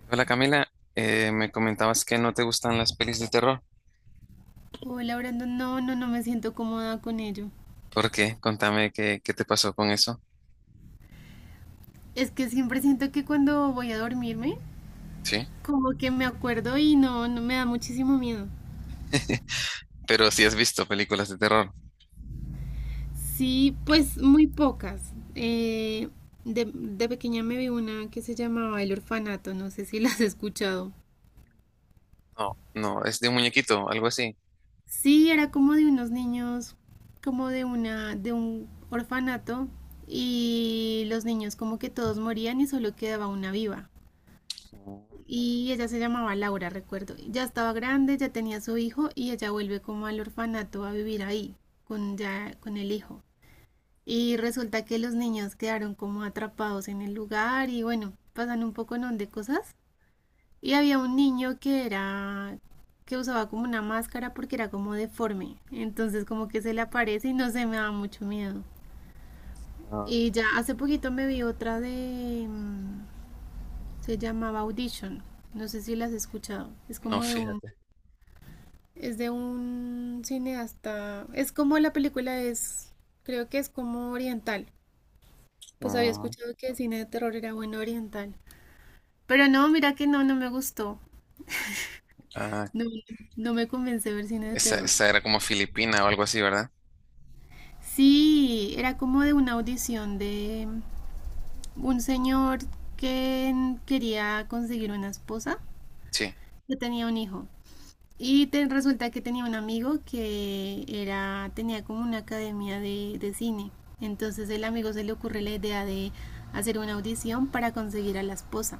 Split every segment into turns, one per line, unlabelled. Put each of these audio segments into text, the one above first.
Hola Camila, me comentabas que no te gustan las pelis de terror.
Hola, Brandon. No, no, no me siento cómoda con ello.
¿Por qué? Contame qué te pasó con eso.
Es que siempre siento que cuando voy a dormirme,
Sí,
como que me acuerdo y no, no me da muchísimo miedo.
pero si has visto películas de terror.
Sí, pues muy pocas. De pequeña me vi una que se llamaba El Orfanato, no sé si la has escuchado.
No, no, es de un muñequito, algo así.
Sí, era como de unos niños, como de un orfanato y los niños como que todos morían y solo quedaba una viva.
Mm.
Y ella se llamaba Laura, recuerdo. Ya estaba grande, ya tenía su hijo y ella vuelve como al orfanato a vivir ahí, ya, con el hijo. Y resulta que los niños quedaron como atrapados en el lugar y bueno, pasan un poco non de cosas. Y había un niño que era que usaba como una máscara porque era como deforme. Entonces como que se le aparece y no se me da mucho miedo.
No,
Y ya hace poquito me vi otra se llamaba Audition. No sé si la has escuchado.
no, fíjate.
Es de un cineasta. Es como la película es, creo que es como oriental. Pues había
Mm,
escuchado que el cine de terror era bueno oriental. Pero no, mira que no, no me gustó.
ah,
No, no me convence ver cine de terror.
esa era como filipina o algo así, ¿verdad?
Sí, era como de una audición de un señor que quería conseguir una esposa,
Sí,
que tenía un hijo. Y resulta que tenía un amigo tenía como una academia de cine. Entonces el amigo se le ocurre la idea de hacer una audición para conseguir a la esposa.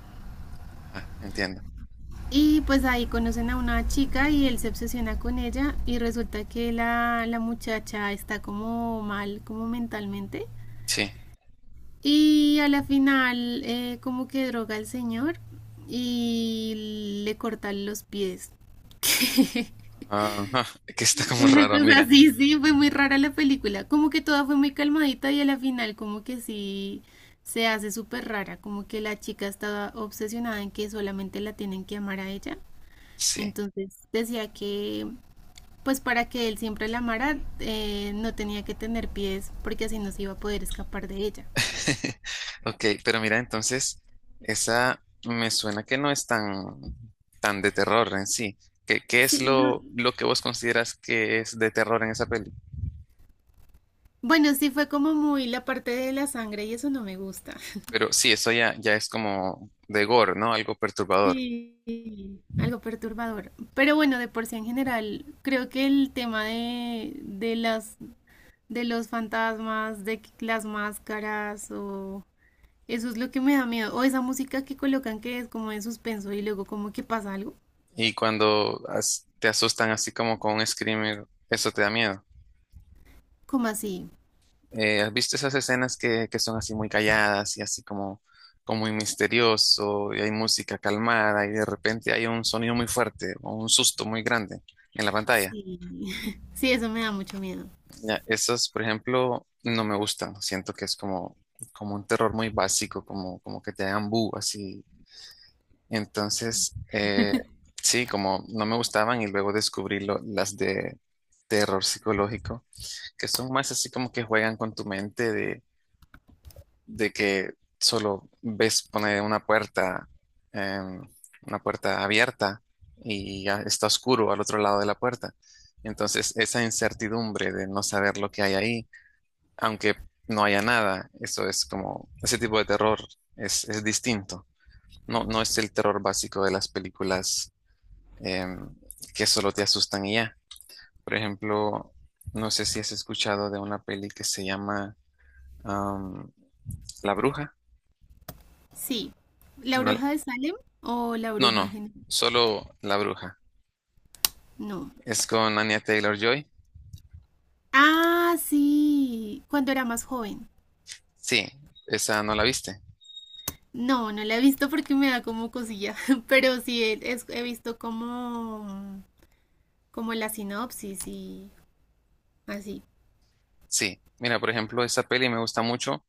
ajá, entiendo.
Y pues ahí conocen a una chica y él se obsesiona con ella y resulta que la muchacha está como mal, como mentalmente.
Sí.
Y a la final como que droga al señor y le corta los pies.
Ajá, que está como
Una
raro,
cosa
mira.
así, sí, fue muy rara la película. Como que toda fue muy calmadita y a la final como que sí se hace súper rara, como que la chica estaba obsesionada en que solamente la tienen que amar a ella.
Sí.
Entonces decía que pues para que él siempre la amara no tenía que tener pies porque así no se iba a poder escapar de ella.
Ok, pero mira, entonces, esa me suena que no es tan de terror en sí. ¿ qué es
Sí, no.
lo que vos consideras que es de terror en esa peli?
Bueno, sí fue como muy la parte de la sangre y eso no me gusta.
Pero sí, eso ya, ya es como de gore, ¿no? Algo perturbador.
Sí, algo perturbador. Pero bueno, de por sí en general, creo que el tema de los fantasmas, de que las máscaras, o eso es lo que me da miedo. O esa música que colocan que es como de suspenso y luego como que pasa algo.
Y cuando te asustan así como con un screamer, eso te da miedo.
Como así.
¿Has visto esas escenas que son así muy calladas y así como, como muy misterioso y hay música calmada y de repente hay un sonido muy fuerte o un susto muy grande en la pantalla?
Sí. Sí, eso me da mucho miedo.
Ya, esos, por ejemplo, no me gustan. Siento que es como, como un terror muy básico, como, como que te hagan bu así. Entonces, sí, como no me gustaban y luego descubrí las de terror psicológico, que son más así como que juegan con tu mente de que solo ves poner eh, una puerta abierta y ya está oscuro al otro lado de la puerta. Entonces, esa incertidumbre de no saber lo que hay ahí, aunque no haya nada, eso es como, ese tipo de terror es distinto. No, no es el terror básico de las películas eh, que solo te asustan y ya. Por ejemplo, no sé si has escuchado de una peli que se llama um, La Bruja.
Sí. ¿La
No.
bruja de Salem o la
No,
bruja
no,
en general?
solo La Bruja.
No.
Es con Anya Taylor-Joy.
Ah, sí. Cuando era más joven.
Sí, esa no la viste.
No, no la he visto porque me da como cosilla, pero he visto como la sinopsis y así.
Sí, mira, por ejemplo, esa peli me gusta mucho.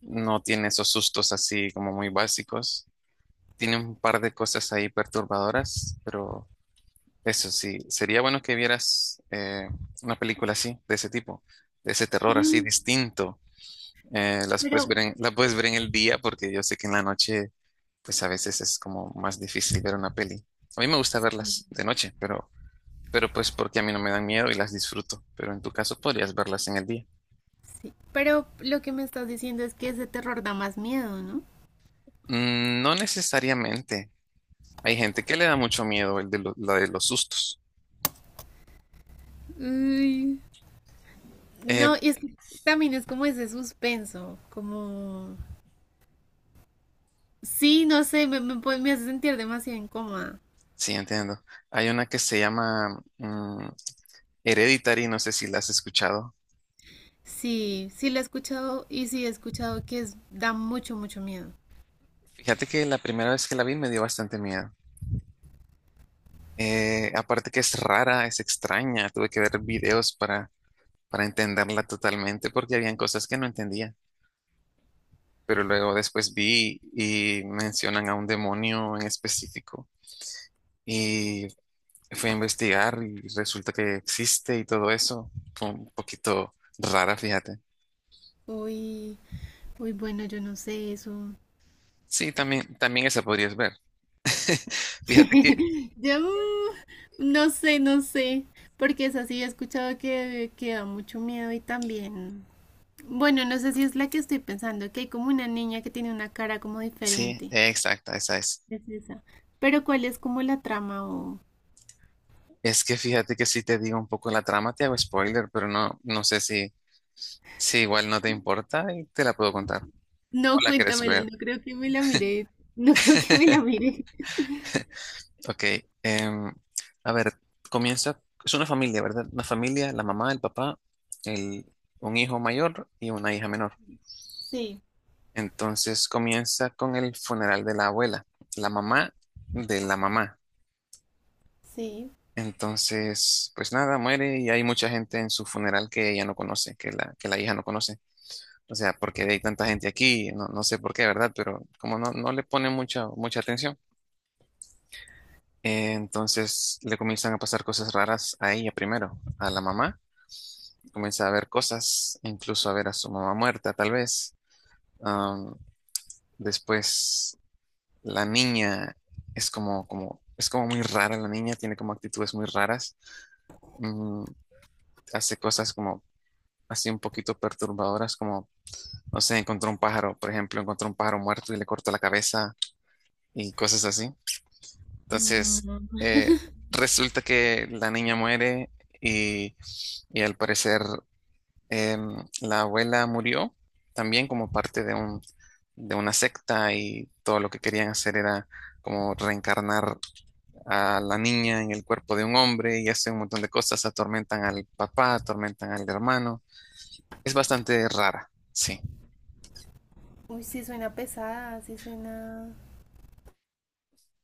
No tiene esos sustos así como muy básicos. Tiene un par de cosas ahí perturbadoras, pero eso sí, sería bueno que vieras una película así, de ese tipo, de ese terror así
Mm.
distinto. Las
Pero,
puedes ver la puedes ver en el día porque yo sé que en la noche, pues a veces es como más difícil ver una peli. A mí me gusta verlas de noche, pero pues porque a mí no me dan miedo y las disfruto, pero en tu caso podrías verlas en el día.
sí. Pero lo que me estás diciendo es que ese terror da más miedo, ¿no?
Mm. No necesariamente. Hay gente que le da mucho miedo el de la de los sustos.
Ay,
Eh,
no, y es que también es como ese suspenso, como Sí, no sé, me hace sentir demasiado incómoda.
sí, entiendo. Hay una que se llama mm, Hereditary, no sé si la has escuchado.
Sí, sí la he escuchado y sí he escuchado que es, da mucho, mucho miedo.
Fíjate que la primera vez que la vi me dio bastante miedo. Aparte que es rara, es extraña, tuve que ver videos para entenderla totalmente porque habían cosas que no entendía. Pero luego después vi y mencionan a un demonio en específico. Y fui a investigar y resulta que existe y todo eso. Fue un poquito rara, fíjate.
Uy, uy, bueno, yo no sé eso.
Sí, también, también esa podrías ver. Fíjate que,
Yo no sé, no sé, porque es así, he escuchado que da mucho miedo y también, bueno, no sé si es la que estoy pensando, que hay como una niña que tiene una cara como
sí,
diferente,
exacta, esa es.
es esa, pero ¿cuál es como la trama o?
Es que fíjate que si te digo un poco la trama, te hago spoiler, pero no, no sé si igual no te importa y te la puedo contar. ¿O
No,
la quieres
cuéntamela,
ver?
no creo que me la miré, no creo que me la miré.
Ok, em, a ver, comienza, es una familia, ¿verdad? Una familia, la mamá, el papá, el, un hijo mayor y una hija menor.
Sí,
Entonces comienza con el funeral de la abuela, la mamá de la mamá.
sí.
Entonces, pues nada, muere y hay mucha gente en su funeral que ella no conoce, que que la hija no conoce. O sea, porque hay tanta gente aquí, no, no sé por qué, ¿verdad? Pero como no, no le ponen mucha, mucha atención, entonces le comienzan a pasar cosas raras a ella primero, a la mamá. Comienza a ver cosas, incluso a ver a su mamá muerta, tal vez. Am, después la niña es como, como, es como muy rara la niña, tiene como actitudes muy raras. Mm, hace cosas como así un poquito perturbadoras, como, no sé, encontró un pájaro, por ejemplo, encontró un pájaro muerto y le cortó la cabeza y cosas así. Entonces,
Mm,
eh, resulta que la niña muere y, y al parecer em, la abuela murió también como parte de de una secta y todo lo que querían hacer era como reencarnar a la niña en el cuerpo de un hombre y hacen un montón de cosas, atormentan al papá, atormentan al hermano. Es bastante rara, sí,
Uy, sí suena pesada, sí suena,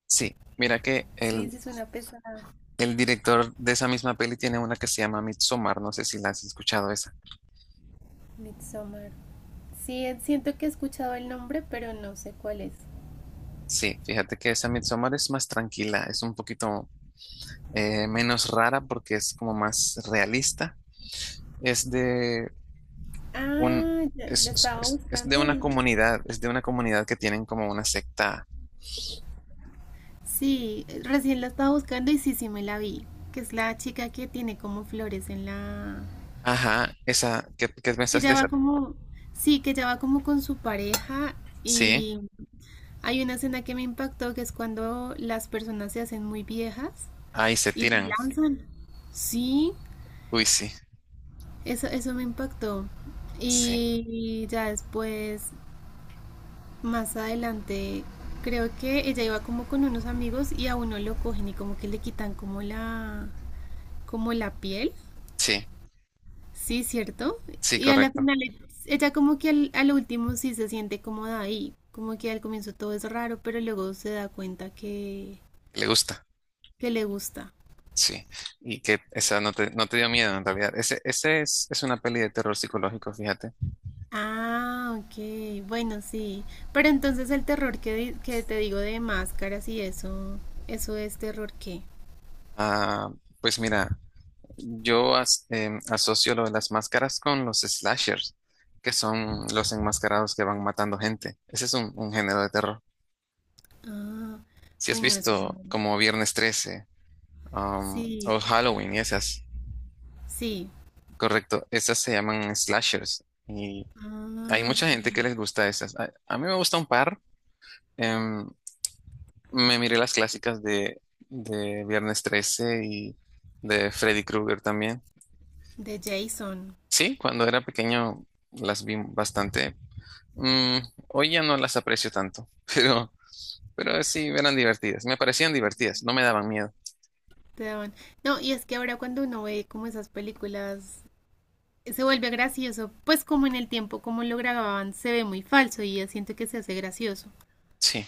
sí. Mira que
sí, sí suena pesada.
el director de esa misma peli tiene una que se llama Midsommar, no sé si la has escuchado esa.
Midsommar. Sí, siento que he escuchado el nombre, pero no sé cuál es.
Sí, fíjate que esa Midsommar es más tranquila, es un poquito menos rara porque es como más realista. Es de un,
Ah, ya, la estaba
es de
buscando
una
y.
comunidad, es de una comunidad que tienen como una secta.
Sí, recién la estaba buscando y sí, sí me la vi. Que es la chica que tiene como flores en la.
Ajá, esa, ¿ qué
Que
pensaste de
ya
esa?
va como. Sí, que ya va como con su pareja
Sí,
y hay una escena que me impactó que es cuando las personas se hacen muy viejas
ahí se
y se
tiran.
lanzan. Sí,
Uy, sí,
eso me impactó.
sí,
Y ya después. Más adelante, creo que ella iba como con unos amigos y a uno lo cogen y como que le quitan como la piel.
sí,
Sí, cierto.
sí,
Y a la
correcto.
final, ella como que al último sí se siente cómoda ahí. Como que al comienzo todo es raro, pero luego se da cuenta
Le gusta,
que le gusta.
sí. Y que esa no no te dio miedo en realidad. Ese es una peli de terror psicológico, fíjate.
Ah, ok. Bueno, sí. Pero entonces el terror que te digo de máscaras y eso es terror qué.
Ah, pues mira, yo asocio lo de las máscaras con los slashers, que son los enmascarados que van matando gente. Ese es un género de terror.
Ah,
Si has
bueno, eso no.
visto como Viernes 13, um,
Sí,
o Halloween y esas,
sí.
correcto, esas se llaman slashers. Hay
Ah,
mucha
ok.
gente que les gusta esas. A mí me gusta un par. Em, me miré las clásicas de Viernes 13 y de Freddy Krueger también.
De Jason.
Sí, cuando era pequeño las vi bastante. Mm, hoy ya no las aprecio tanto, pero, pero sí eran divertidas. Me parecían divertidas, no me daban miedo.
Te Dawn. No, y es que ahora cuando uno ve como esas películas, se vuelve gracioso, pues como en el tiempo, como lo grababan, se ve muy falso y ya siento que se hace gracioso.
Sí.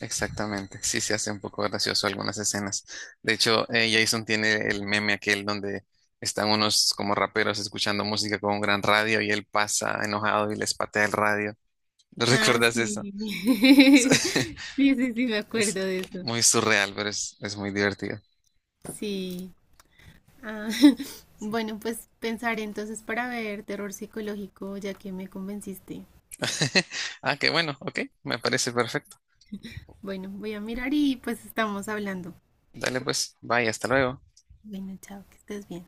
Exactamente, sí se hace un poco gracioso algunas escenas. De hecho, Jason tiene el meme aquel donde están unos como raperos escuchando música con un gran radio y él pasa enojado y les patea el radio. ¿No
Ah,
recuerdas
sí.
eso?
Sí, sí, sí, me
Es
acuerdo de eso.
muy surreal, pero es muy divertido.
Sí. Ah, bueno, pues pensaré entonces para ver terror psicológico, ya que me convenciste.
Ah, qué bueno, ok, me parece perfecto.
Bueno, voy a mirar y pues estamos hablando.
Dale pues, bye, hasta luego.
Bueno, chao, que estés bien.